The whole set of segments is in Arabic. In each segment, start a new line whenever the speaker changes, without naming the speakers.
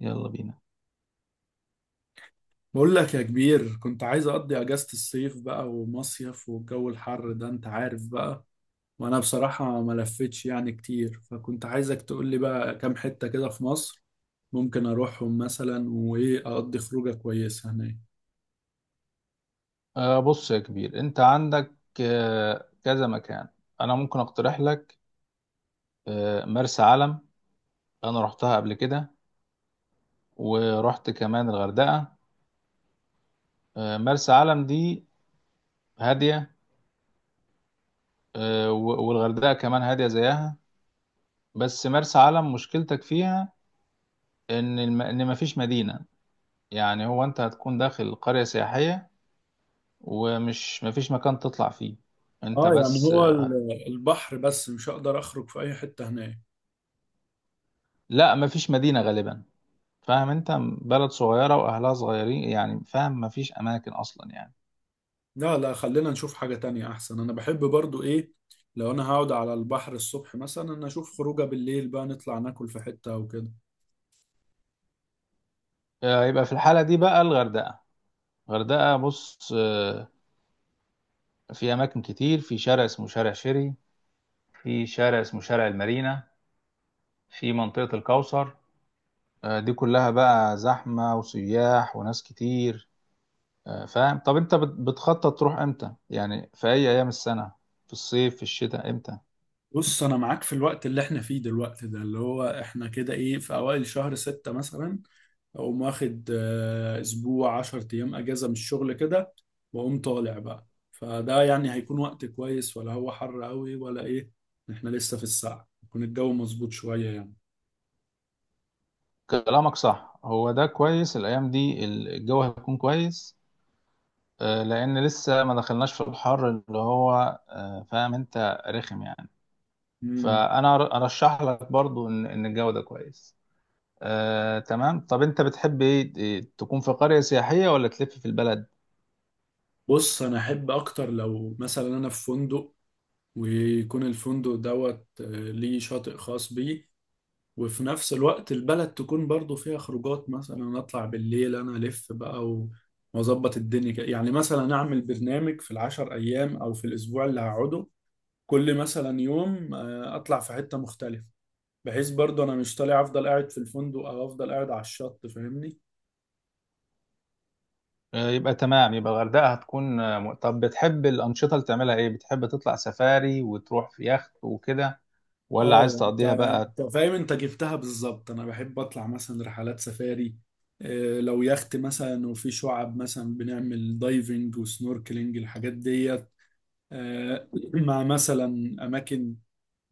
يلا بينا.
بقول لك يا كبير، كنت عايز اقضي اجازة الصيف بقى ومصيف، والجو الحر ده انت عارف بقى. وانا بصراحة ما لفتش يعني كتير، فكنت عايزك تقول لي بقى كام حتة كده في مصر ممكن اروحهم مثلا، وايه اقضي خروجة كويسة هناك.
بص يا كبير، انت عندك كذا مكان. انا ممكن اقترح لك مرسى علم. انا رحتها قبل كده، ورحت كمان الغردقة. مرسى علم دي هادية. والغردقة كمان هادية زيها. بس مرسى علم مشكلتك فيها ان مفيش مدينة. يعني هو انت هتكون داخل قرية سياحية، ومش مفيش مكان تطلع فيه انت،
اه يعني
بس
هو البحر بس، مش هقدر اخرج في اي حتة هناك.
لا مفيش مدينة غالبا. فاهم، انت بلد صغيره واهلها صغيرين، يعني فاهم مفيش اماكن اصلا يعني.
لا لا، خلينا نشوف حاجة تانية احسن. انا بحب برضو ايه، لو انا هقعد على البحر الصبح مثلا، انا اشوف خروجة بالليل بقى، نطلع ناكل في حتة او كده.
يبقى في الحاله دي بقى الغردقه. الغردقه بص، في اماكن كتير. في شارع اسمه شارع شيري، في شارع اسمه شارع المارينا، في منطقه الكوثر. دي كلها بقى زحمه وسياح وناس كتير. فاهم. طب انت بتخطط تروح امتى، يعني في اي ايام السنه؟ في الصيف في الشتاء امتى؟
بص انا معاك، في الوقت اللي احنا فيه دلوقتي ده اللي هو احنا كده ايه، في اوائل شهر ستة مثلا، اقوم واخد اسبوع عشر ايام اجازة من الشغل كده، واقوم طالع بقى. فده يعني هيكون وقت كويس ولا هو حر قوي ولا ايه؟ احنا لسه في الساعة يكون الجو مظبوط شوية يعني.
كلامك صح، هو ده كويس. الايام دي الجو هيكون كويس، لان لسه ما دخلناش في الحر اللي هو فاهم، انت رخم يعني.
مم.
فانا ارشح لك برضو ان الجو ده كويس. تمام. طب انت بتحب ايه، تكون في قرية سياحية ولا تلف في البلد؟
بص انا احب اكتر لو مثلا انا في فندق، ويكون الفندق دوت ليه شاطئ خاص بيه، وفي نفس الوقت البلد تكون برضو فيها خروجات. مثلا اطلع بالليل انا الف بقى واظبط الدنيا كده. يعني مثلا اعمل برنامج في العشر ايام او في الاسبوع اللي هقعده، كل مثلا يوم اطلع في حتة مختلفة، بحيث برضو انا مش طالع افضل قاعد في الفندق او افضل قاعد على الشط، فاهمني.
يبقى تمام، يبقى الغردقة هتكون طب بتحب الأنشطة اللي تعملها ايه؟ بتحب تطلع سفاري وتروح في يخت وكده ولا عايز
اه انت
تقضيها بقى؟
انت فاهم، انت جبتها بالظبط. انا بحب اطلع مثلا رحلات سفاري، لو يخت مثلا وفي شعب، مثلا بنعمل دايفنج وسنوركلينج الحاجات دي. آه، مع مثلا أماكن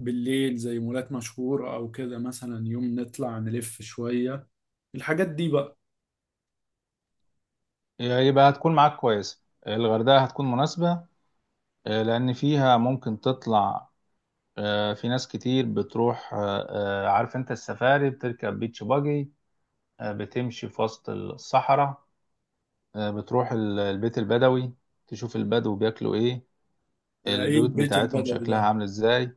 بالليل زي مولات مشهورة أو كده، مثلا يوم نطلع نلف شوية الحاجات دي بقى.
يبقى هتكون معاك كويس، الغردقة هتكون مناسبة. لأن فيها ممكن تطلع. في ناس كتير بتروح، عارف انت السفاري بتركب بيتش باجي، بتمشي في وسط الصحراء. بتروح البيت البدوي، تشوف البدو بياكلوا ايه،
ده إيه
البيوت
البيت
بتاعتهم
البدوي
شكلها
ده؟
عامل ازاي.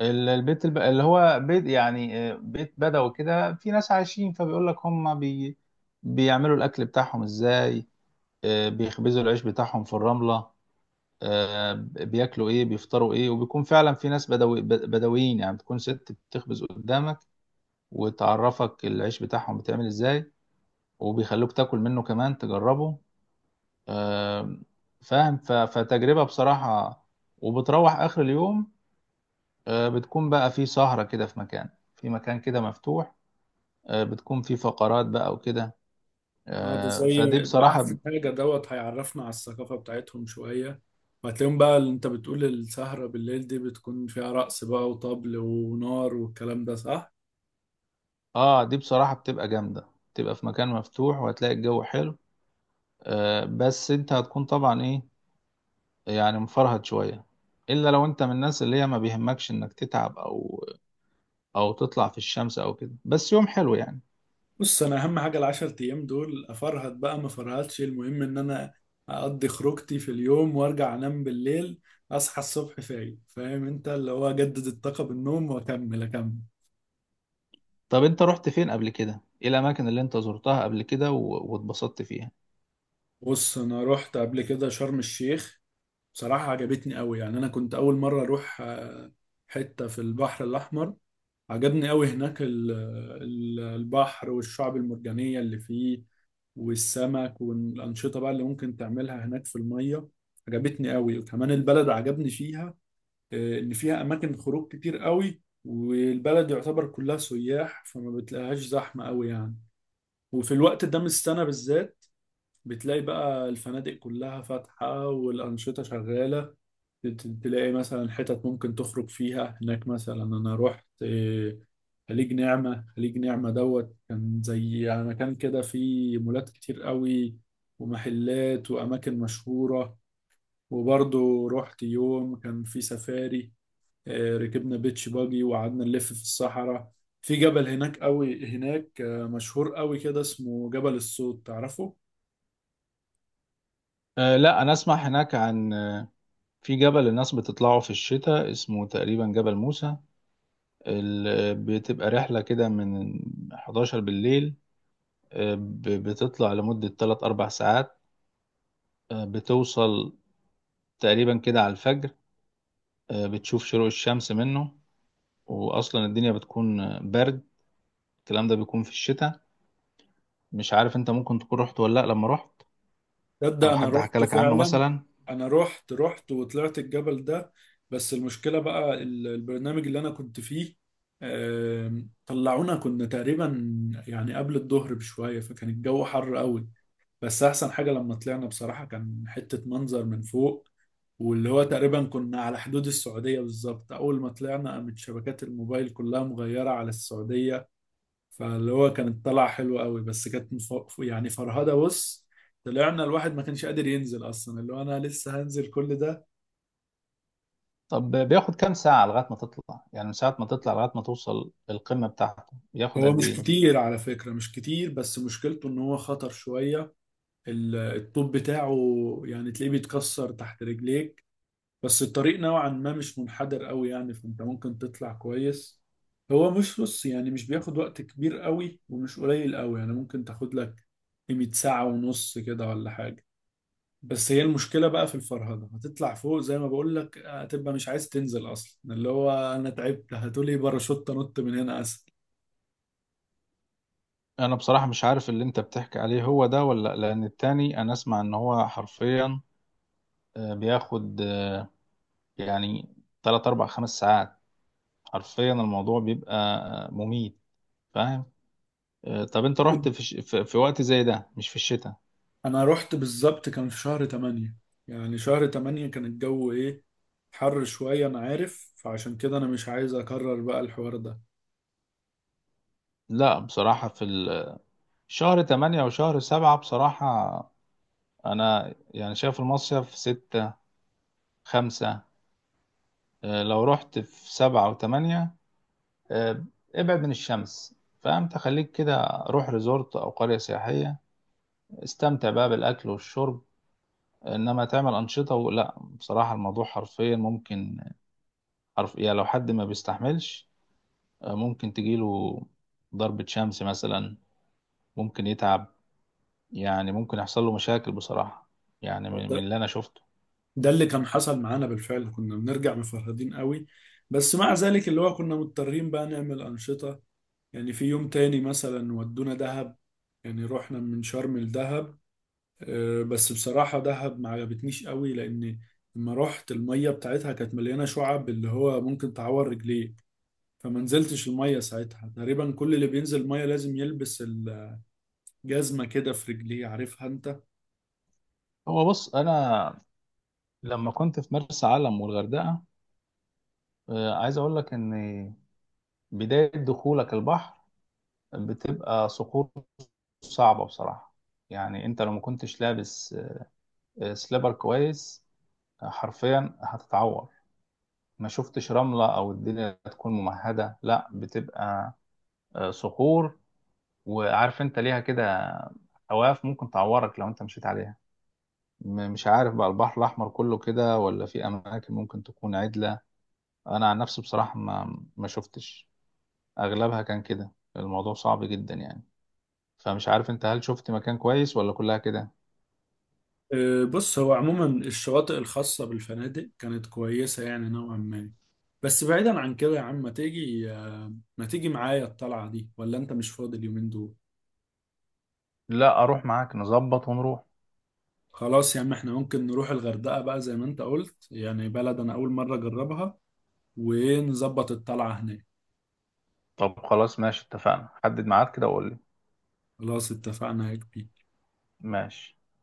اللي هو بيت، يعني بيت بدوي كده، في ناس عايشين. فبيقول لك بيعملوا الاكل بتاعهم ازاي. بيخبزوا العيش بتاعهم في الرملة. آه، بياكلوا ايه، بيفطروا ايه. وبيكون فعلا في ناس بدوي بدويين، يعني بتكون ست بتخبز قدامك وتعرفك العيش بتاعهم بيتعمل ازاي، وبيخلوك تاكل منه كمان تجربه. آم، فاهم. فتجربة بصراحة. وبتروح آخر اليوم بتكون بقى في سهرة كده في مكان، في مكان كده مفتوح. بتكون في فقرات بقى وكده.
اه ده زي
فدي
ده
بصراحة.
أحسن حاجة، دوت هيعرفنا على الثقافة بتاعتهم شوية. وهتلاقيهم بقى، اللي أنت بتقول السهرة بالليل دي، بتكون فيها رقص بقى وطبل ونار والكلام ده، صح؟
اه دي بصراحة بتبقى جامدة. بتبقى في مكان مفتوح وهتلاقي الجو حلو. بس انت هتكون طبعا ايه، يعني مفرهد شوية. الا لو انت من الناس اللي هي ما بيهمكش انك تتعب او تطلع في الشمس او كده، بس يوم حلو يعني.
بص، انا اهم حاجه العشر ايام دول افرهد بقى ما فرهدش، المهم ان انا اقضي خروجتي في اليوم وارجع انام بالليل، اصحى الصبح فايق. فاهم انت اللي هو اجدد الطاقه بالنوم واكمل اكمل.
طب انت رحت فين قبل كده؟ ايه الاماكن اللي انت زرتها قبل كده واتبسطت فيها؟
بص انا رحت قبل كده شرم الشيخ، بصراحه عجبتني قوي. يعني انا كنت اول مره اروح حته في البحر الاحمر. عجبني قوي هناك البحر والشعب المرجانية اللي فيه والسمك والأنشطة بقى اللي ممكن تعملها هناك في المية. عجبتني قوي، وكمان البلد عجبني فيها. إن فيها أماكن خروج كتير قوي، والبلد يعتبر كلها سياح فما بتلاقيهاش زحمة قوي يعني. وفي الوقت ده من السنة بالذات بتلاقي بقى الفنادق كلها فاتحة والأنشطة شغالة. تلاقي مثلا حتت ممكن تخرج فيها هناك. مثلا انا رحت خليج نعمة. خليج نعمة دوت كان زي يعني مكان كده فيه مولات كتير قوي ومحلات وأماكن مشهورة. وبرضه رحت يوم كان فيه سفاري، ركبنا بيتش باجي وقعدنا نلف في الصحراء. في جبل هناك قوي هناك، مشهور قوي كده، اسمه جبل الصوت، تعرفه؟
أه لا، انا اسمع هناك عن في جبل الناس بتطلعه في الشتاء، اسمه تقريبا جبل موسى. بتبقى رحلة كده من 11 بالليل. بتطلع لمدة 3 4 ساعات. بتوصل تقريبا كده على الفجر. بتشوف شروق الشمس منه. واصلا الدنيا بتكون برد. الكلام ده بيكون في الشتاء. مش عارف، انت ممكن تكون رحت ولا لا لما رحت،
تصدق
او
انا
حد حكى
رحت
لك عنه
فعلا.
مثلا.
انا رحت وطلعت الجبل ده. بس المشكله بقى البرنامج اللي انا كنت فيه، طلعونا كنا تقريبا يعني قبل الظهر بشويه، فكان الجو حر قوي. بس احسن حاجه لما طلعنا بصراحه، كان حته منظر من فوق، واللي هو تقريبا كنا على حدود السعوديه بالظبط. اول ما طلعنا قامت شبكات الموبايل كلها مغيره على السعوديه. فاللي هو كانت طلع حلو قوي، بس كانت يعني فرهده. بص، طلعنا الواحد ما كانش قادر ينزل اصلا، اللي هو انا لسه هنزل كل ده.
طب بياخد كام ساعة لغاية ما تطلع، يعني من ساعة ما تطلع لغاية ما توصل القمة بتاعته بياخد
هو
قد
مش
ايه؟
كتير على فكره، مش كتير، بس مشكلته ان هو خطر شويه. الطوب بتاعه يعني تلاقيه بيتكسر تحت رجليك، بس الطريق نوعا ما مش منحدر قوي يعني، فانت ممكن تطلع كويس. هو مش، بص يعني مش بياخد وقت كبير قوي ومش قليل قوي، يعني ممكن تاخد لك قيمة ساعة ونص كده ولا حاجة. بس هي المشكلة بقى في الفرهدة، هتطلع فوق زي ما بقول لك هتبقى مش عايز تنزل أصلا، اللي هو أنا تعبت هتقولي باراشوت أنط من هنا أسهل.
انا بصراحة مش عارف اللي انت بتحكي عليه هو ده ولا لأ، لان التاني انا اسمع ان هو حرفيا بياخد يعني 3 4 5 ساعات. حرفيا الموضوع بيبقى مميت، فاهم. طب انت رحت في وقت زي ده مش في الشتاء؟
أنا رحت بالظبط كان في شهر تمانية، يعني شهر تمانية كان الجو إيه؟ حر شوية أنا عارف، فعشان كده أنا مش عايز أكرر بقى الحوار ده.
لا بصراحة في شهر 8 وشهر 7 بصراحة. انا يعني شايف المصيف ستة خمسة. لو رحت في سبعة وثمانية آه، ابعد من الشمس. فأنت خليك كده، روح ريزورت أو قرية سياحية، استمتع بقى بالأكل والشرب، إنما تعمل أنشطة ولا. بصراحة الموضوع حرفيا ممكن يعني لو حد ما بيستحملش ممكن تجيله ضربة شمس مثلا، ممكن يتعب، يعني ممكن يحصل له مشاكل بصراحة، يعني
هو
من
ده
اللي أنا شفته.
ده اللي كان حصل معانا بالفعل، كنا بنرجع مفرهدين قوي، بس مع ذلك اللي هو كنا مضطرين بقى نعمل أنشطة. يعني في يوم تاني مثلا ودونا دهب، يعني رحنا من شرم لدهب. بس بصراحة دهب ما عجبتنيش قوي، لأن لما رحت المية بتاعتها كانت مليانة شعب اللي هو ممكن تعور رجليك، فما نزلتش المية ساعتها. تقريبا كل اللي بينزل المية لازم يلبس الجزمة كده في رجليه، عارفها انت.
هو بص أنا لما كنت في مرسى علم والغردقة عايز اقول لك ان بداية دخولك البحر بتبقى صخور صعبة بصراحة. يعني انت لو ما كنتش لابس سليبر كويس حرفيا هتتعور. ما شفتش رملة او الدنيا تكون ممهدة، لا بتبقى صخور، وعارف انت ليها كده حواف ممكن تعورك لو انت مشيت عليها. مش عارف بقى البحر الاحمر كله كده ولا في اماكن ممكن تكون عدلة. انا عن نفسي بصراحة ما شفتش. اغلبها كان كده، الموضوع صعب جدا يعني. فمش عارف انت هل شفت مكان كويس ولا كلها كده؟
بص، هو عموما الشواطئ الخاصة بالفنادق كانت كويسة يعني نوعا ما. بس بعيدا عن كده يا عم، ما تيجي معايا الطلعة دي ولا انت مش فاضي اليومين دول؟
لا اروح معاك، نظبط ونروح.
خلاص يا عم، احنا ممكن نروح الغردقة بقى زي ما انت قلت، يعني بلد انا اول مرة اجربها، ونظبط الطلعة هناك.
طب خلاص ماشي، اتفقنا. حدد ميعاد كده وقول لي.
خلاص اتفقنا يا كبير.
ماشي.